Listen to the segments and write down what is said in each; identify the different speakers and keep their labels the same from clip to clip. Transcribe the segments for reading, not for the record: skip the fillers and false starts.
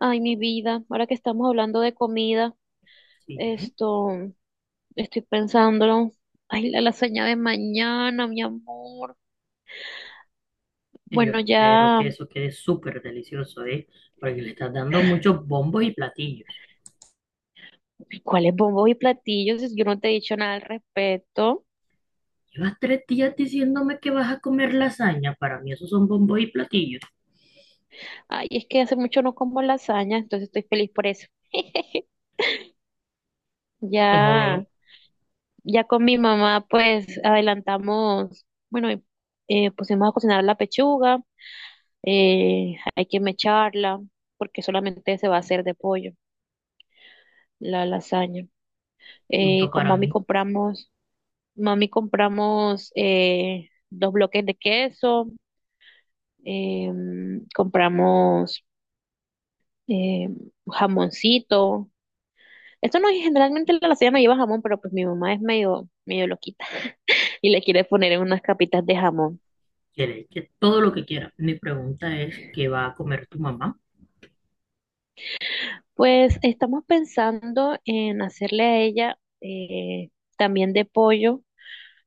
Speaker 1: Ay, mi vida, ahora que estamos hablando de comida,
Speaker 2: Sí,
Speaker 1: esto, estoy pensándolo. Ay, la lasaña de mañana, mi amor.
Speaker 2: y yo
Speaker 1: Bueno,
Speaker 2: espero
Speaker 1: ya,
Speaker 2: que eso quede súper delicioso, ¿eh? Porque le estás dando muchos bombos y platillos.
Speaker 1: ¿cuáles bombos y platillos? Yo no te he dicho nada al respecto.
Speaker 2: Llevas 3 días diciéndome que vas a comer lasaña. Para mí esos son bombos y platillos.
Speaker 1: Ay, es que hace mucho no como lasaña, entonces estoy feliz por eso. Ya,
Speaker 2: Ojo.
Speaker 1: ya con mi mamá, pues adelantamos, bueno, pusimos a cocinar la pechuga. Hay que mecharla porque solamente se va a hacer de pollo, la lasaña.
Speaker 2: Punto
Speaker 1: Con
Speaker 2: para mí.
Speaker 1: mami compramos dos bloques de queso, compramos em, jamoncito. Esto no, generalmente la lasaña no lleva jamón, pero pues mi mamá es medio, medio loquita y le quiere poner unas capitas de jamón.
Speaker 2: Quieres que todo lo que quieras. Mi pregunta es, ¿qué va a comer tu mamá?
Speaker 1: Pues estamos pensando en hacerle a ella también de pollo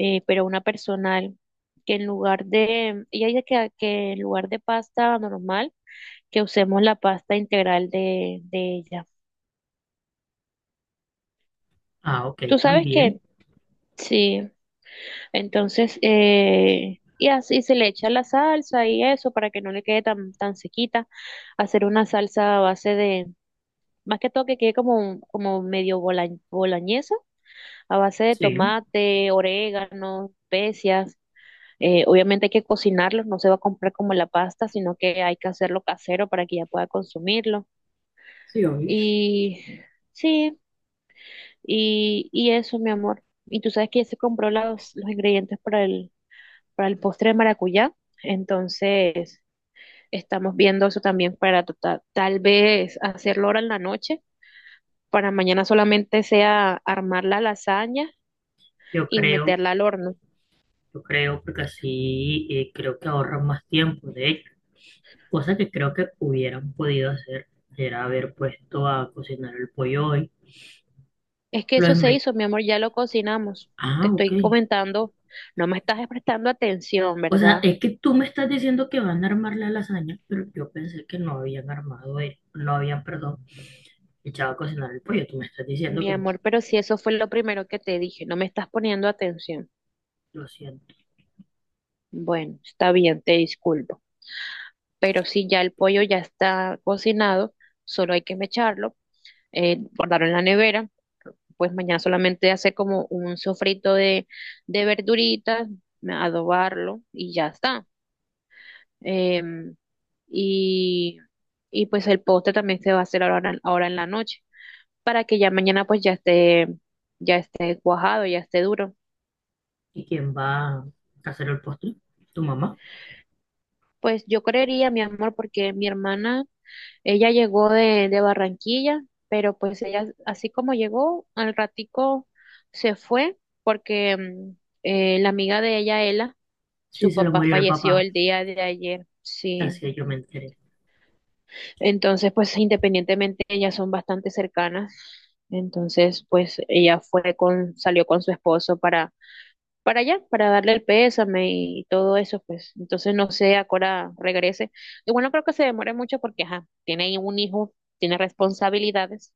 Speaker 1: pero una personal, que en lugar de, ella dice que en lugar de pasta normal, que usemos la pasta integral de ella.
Speaker 2: Ah, ok,
Speaker 1: ¿Tú sabes
Speaker 2: también.
Speaker 1: qué? Sí, entonces, y así se le echa la salsa y eso para que no le quede tan, tan sequita, hacer una salsa a base de, más que todo que quede como, como medio bola, boloñesa, a base de
Speaker 2: Sí.
Speaker 1: tomate, orégano, especias. Obviamente hay que cocinarlos, no se va a comprar como la pasta, sino que hay que hacerlo casero para que ya pueda consumirlo.
Speaker 2: Sí, obvio.
Speaker 1: Y sí, y eso, mi amor. Y tú sabes que ya se compró los ingredientes para el postre de maracuyá, entonces estamos viendo eso también para tal vez hacerlo ahora en la noche, para mañana solamente sea armar la lasaña
Speaker 2: yo
Speaker 1: y
Speaker 2: creo,
Speaker 1: meterla al horno.
Speaker 2: yo creo, porque así creo que ahorran más tiempo. De hecho, cosa que creo que hubieran podido hacer era haber puesto a cocinar el pollo hoy.
Speaker 1: Es que
Speaker 2: Lo
Speaker 1: eso se
Speaker 2: desmay-
Speaker 1: hizo, mi amor, ya lo cocinamos. Te
Speaker 2: Ah, ok.
Speaker 1: estoy comentando, no me estás prestando atención,
Speaker 2: O sea,
Speaker 1: ¿verdad?
Speaker 2: es que tú me estás diciendo que van a armar la lasaña, pero yo pensé que no habían armado, no habían, perdón, echado a cocinar el pollo. Tú me estás diciendo
Speaker 1: Mi
Speaker 2: como,
Speaker 1: amor, pero si eso fue lo primero que te dije, no me estás poniendo atención.
Speaker 2: lo siento.
Speaker 1: Bueno, está bien, te disculpo. Pero si ya el pollo ya está cocinado, solo hay que mecharlo, guardarlo en la nevera, pues mañana solamente hacer como un sofrito de verduritas, adobarlo y ya está. Em, y, y pues el postre también se va a hacer ahora, ahora en la noche, para que ya mañana pues ya esté cuajado, ya esté duro.
Speaker 2: ¿Y quién va a hacer el postre? ¿Tu mamá?
Speaker 1: Pues yo creería, mi amor, porque mi hermana, ella llegó de Barranquilla, pero pues ella, así como llegó, al ratico se fue, porque la amiga de ella, Ela,
Speaker 2: Sí,
Speaker 1: su
Speaker 2: se lo
Speaker 1: papá
Speaker 2: murió el
Speaker 1: falleció
Speaker 2: papá.
Speaker 1: el día de ayer, sí.
Speaker 2: Así yo me enteré.
Speaker 1: Entonces, pues independientemente, ellas son bastante cercanas. Entonces, pues ella fue con, salió con su esposo para allá, para darle el pésame y todo eso, pues. Entonces, no sé, ahora regrese. Y bueno, creo que se demore mucho porque, ajá, tiene un hijo, tiene responsabilidades,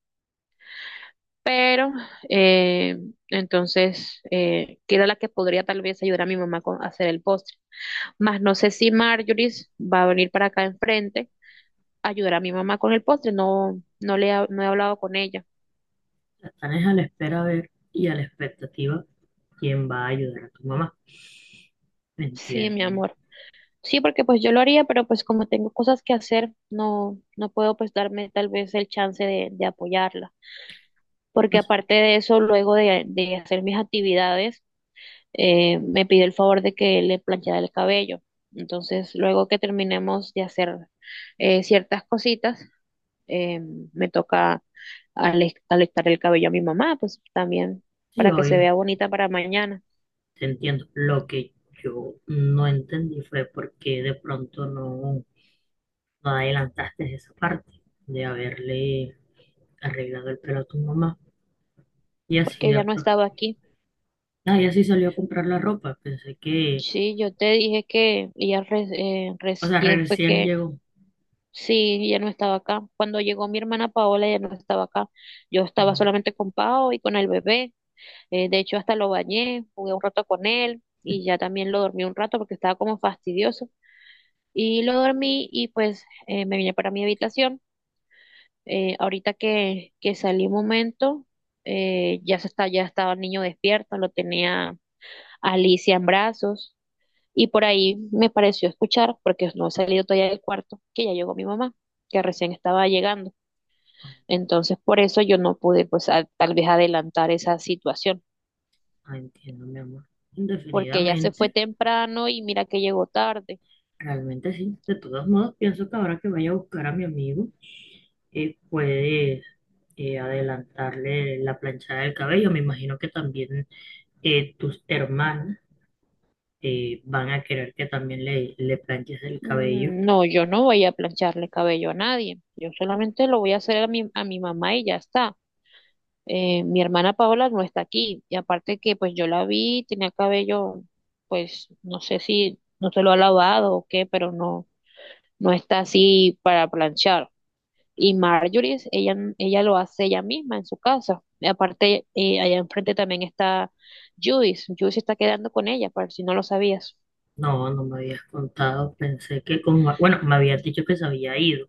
Speaker 1: pero, eh, entonces, que era la que podría tal vez ayudar a mi mamá con, a hacer el postre. Más no sé si Marjorie va a venir para acá enfrente a ayudar a mi mamá con el postre, no, no he hablado con ella.
Speaker 2: Están es a la espera a ver y a la expectativa quién va a ayudar a tu mamá. Me
Speaker 1: Sí, mi
Speaker 2: entiendo.
Speaker 1: amor. Sí, porque pues yo lo haría, pero pues como tengo cosas que hacer, no, no puedo pues darme tal vez el chance de apoyarla. Porque
Speaker 2: No sé.
Speaker 1: aparte de eso, luego de hacer mis actividades, me pidió el favor de que le planchara el cabello. Entonces, luego que terminemos de hacer ciertas cositas, eh, me toca alistar el cabello a mi mamá, pues también
Speaker 2: Sí,
Speaker 1: para que se
Speaker 2: obvio,
Speaker 1: vea bonita para mañana,
Speaker 2: te entiendo. Lo que yo no entendí fue por qué de pronto no. No adelantaste esa parte de haberle arreglado el pelo a tu mamá. Y así
Speaker 1: porque ella
Speaker 2: de...
Speaker 1: no
Speaker 2: pro-
Speaker 1: estaba aquí.
Speaker 2: Ah, y así salió a comprar la ropa. Pensé que...
Speaker 1: Sí, yo te dije que ella
Speaker 2: O sea,
Speaker 1: recién fue
Speaker 2: recién
Speaker 1: que
Speaker 2: llegó.
Speaker 1: sí, ya no estaba acá. Cuando llegó mi hermana Paola, ya no estaba acá. Yo estaba
Speaker 2: Como,
Speaker 1: solamente con Pao y con el bebé. De hecho, hasta lo bañé, jugué un rato con él y ya también lo dormí un rato porque estaba como fastidioso. Y lo dormí y pues me vine para mi habitación. Ahorita que salí un momento, ya se está, ya estaba el niño despierto, lo tenía Alicia en brazos. Y por ahí me pareció escuchar, porque no he salido todavía del cuarto, que ya llegó mi mamá, que recién estaba llegando.
Speaker 2: Ah,
Speaker 1: Entonces, por eso yo no pude, pues, tal vez adelantar esa situación,
Speaker 2: ah, entiendo, mi amor.
Speaker 1: porque ella se fue
Speaker 2: Indefinidamente.
Speaker 1: temprano y mira que llegó tarde.
Speaker 2: Realmente sí. De todos modos, pienso que ahora que vaya a buscar a mi amigo, puedes adelantarle la planchada del cabello. Me imagino que también tus hermanas van a querer que también le planches el cabello.
Speaker 1: Mm, no, yo no voy a plancharle cabello a nadie. Yo solamente lo voy a hacer a mi mamá y ya está. Mi hermana Paola no está aquí. Y aparte que, pues, yo la vi, tenía cabello, pues, no sé si no se lo ha lavado o qué, pero no, no está así para planchar. Y Marjorie, ella lo hace ella misma en su casa. Y aparte, allá enfrente también está Judith. Judith se está quedando con ella, ¿por si no lo sabías?
Speaker 2: No, no me habías contado. Pensé que como Bueno, me habías dicho que se había ido.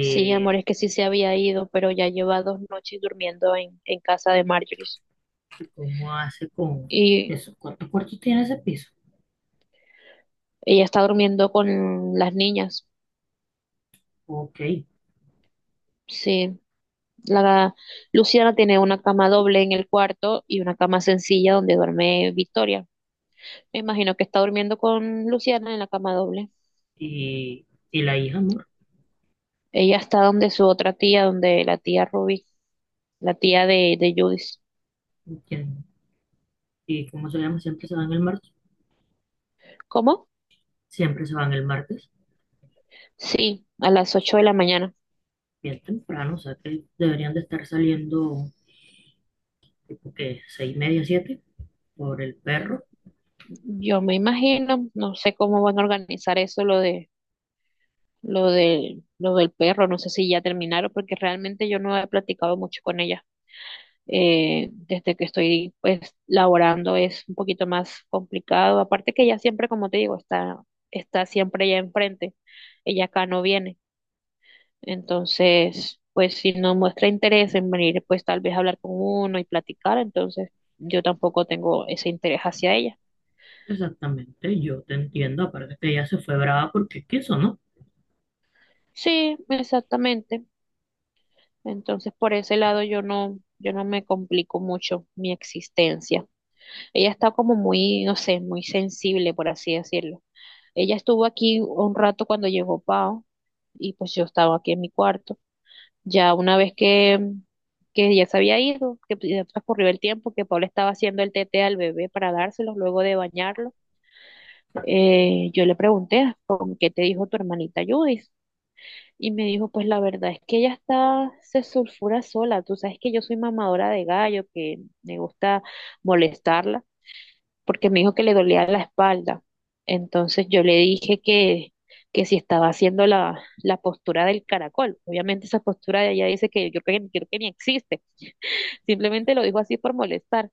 Speaker 1: Sí, amor, es que sí se había ido, pero ya lleva 2 noches durmiendo en casa de Marjorie.
Speaker 2: ¿Cómo hace con
Speaker 1: Y
Speaker 2: eso? ¿Cuántos cuartos tiene ese piso?
Speaker 1: ella está durmiendo con las niñas.
Speaker 2: Ok.
Speaker 1: Sí, la Luciana tiene una cama doble en el cuarto y una cama sencilla donde duerme Victoria. Me imagino que está durmiendo con Luciana en la cama doble.
Speaker 2: ¿Y la hija, amor?
Speaker 1: Ella está donde su otra tía, donde la tía Ruby, la tía de Judith.
Speaker 2: ¿Quién- ¿Y cómo se llama? ¿Siempre se van el martes?
Speaker 1: ¿Cómo?
Speaker 2: Siempre se van el martes.
Speaker 1: Sí, a las 8 de la mañana.
Speaker 2: Bien temprano, o sea que deberían de estar saliendo, tipo que 6:30, siete, por el perro.
Speaker 1: Yo me imagino, no sé cómo van a organizar eso, lo de, lo de lo del perro, no sé si ya terminaron, porque realmente yo no he platicado mucho con ella. Desde que estoy pues laborando es un poquito más complicado. Aparte que ella siempre, como te digo, está, está siempre allá enfrente. Ella acá no viene. Entonces, pues si no muestra interés en venir, pues tal vez hablar con uno y platicar, entonces yo tampoco tengo ese interés hacia ella.
Speaker 2: Exactamente, yo te entiendo. Aparte que ella se fue brava porque es, ¿no?
Speaker 1: Sí, exactamente. Entonces, por ese lado yo no, yo no me complico mucho mi existencia. Ella está como muy, no sé, muy sensible, por así decirlo. Ella estuvo aquí un rato cuando llegó Pau y pues yo estaba aquí en mi cuarto. Ya una vez que ya se había ido, que pues, ya transcurrió el tiempo, que Paula estaba haciendo el tete al bebé para dárselos luego de bañarlo, yo le pregunté, ¿con qué te dijo tu hermanita Judith? Y me dijo, pues la verdad es que ella está, se sulfura sola. Tú sabes que yo soy mamadora de gallo, que me gusta molestarla porque me dijo que le dolía la espalda. Entonces yo le dije que si estaba haciendo la, la postura del caracol. Obviamente esa postura de ella dice que yo creo que ni existe. Simplemente lo dijo así por molestar.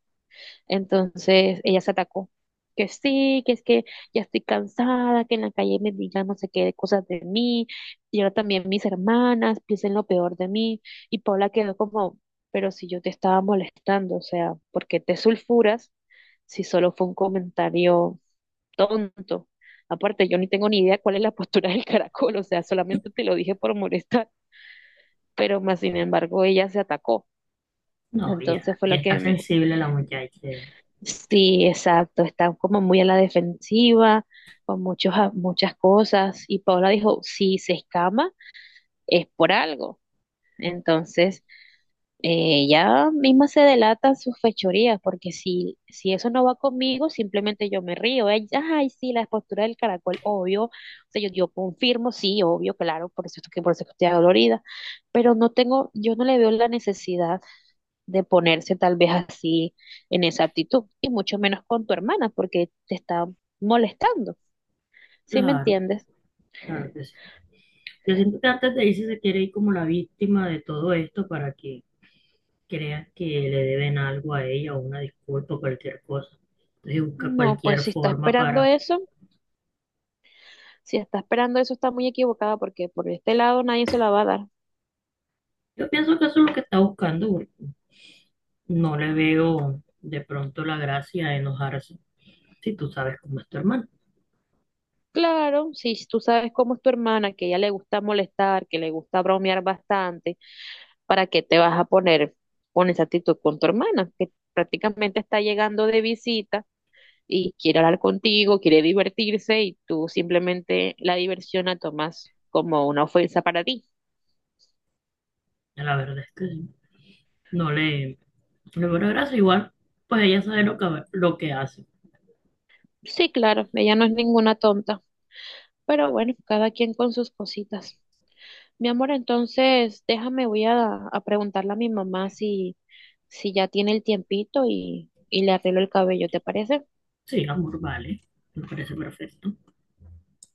Speaker 1: Entonces ella se atacó. Que sí, que es que ya estoy cansada, que en la calle me digan no sé qué cosas de mí, y ahora también mis hermanas piensen lo peor de mí. Y Paula quedó como, pero si yo te estaba molestando, o sea, ¿por qué te sulfuras si solo fue un comentario tonto? Aparte, yo ni tengo ni idea cuál es la postura del caracol, o sea, solamente te lo dije por molestar, pero más sin embargo ella se atacó.
Speaker 2: No,
Speaker 1: Entonces
Speaker 2: ya,
Speaker 1: fue
Speaker 2: ya
Speaker 1: lo
Speaker 2: está
Speaker 1: que me,
Speaker 2: sensible la muchacha.
Speaker 1: sí, exacto, están como muy a la defensiva, con muchos, muchas cosas. Y Paula dijo, si se escama, es por algo. Entonces, ella misma se delata sus fechorías, porque si, si eso no va conmigo, simplemente yo me río. Ella, ay, sí, la postura del caracol, obvio. O sea, yo confirmo, sí, obvio, claro, por eso es que por eso es que estoy dolorida. Pero no tengo, yo no le veo la necesidad de ponerse tal vez así en esa actitud, y mucho menos con tu hermana, porque te está molestando, ¿sí me
Speaker 2: Claro.
Speaker 1: entiendes?
Speaker 2: Claro que sí. Yo siento que antes de irse se quiere ir como la víctima de todo esto para que crea que le deben algo a ella o una disculpa o cualquier cosa. Entonces busca
Speaker 1: No, pues
Speaker 2: cualquier
Speaker 1: si está
Speaker 2: forma
Speaker 1: esperando
Speaker 2: para...
Speaker 1: eso, si está esperando eso está muy equivocada, porque por este lado nadie se la va a dar.
Speaker 2: Yo pienso que eso es lo que está buscando, porque no le veo de pronto la gracia de enojarse si tú sabes cómo es tu hermano.
Speaker 1: Claro, si tú sabes cómo es tu hermana, que a ella le gusta molestar, que le gusta bromear bastante, ¿para qué te vas a poner con esa actitud con tu hermana, que prácticamente está llegando de visita? Y quiere hablar contigo, quiere divertirse y tú simplemente la diversión la tomas como una ofensa para ti.
Speaker 2: La verdad es que sí. No le, no le veo la gracia. Igual, pues ella sabe lo que hace.
Speaker 1: Sí, claro, ella no es ninguna tonta, pero bueno, cada quien con sus cositas. Mi amor, entonces déjame, voy a preguntarle a mi mamá si, si ya tiene el tiempito y le arreglo el cabello, ¿te parece?
Speaker 2: Sí, amor, vale. Me parece perfecto.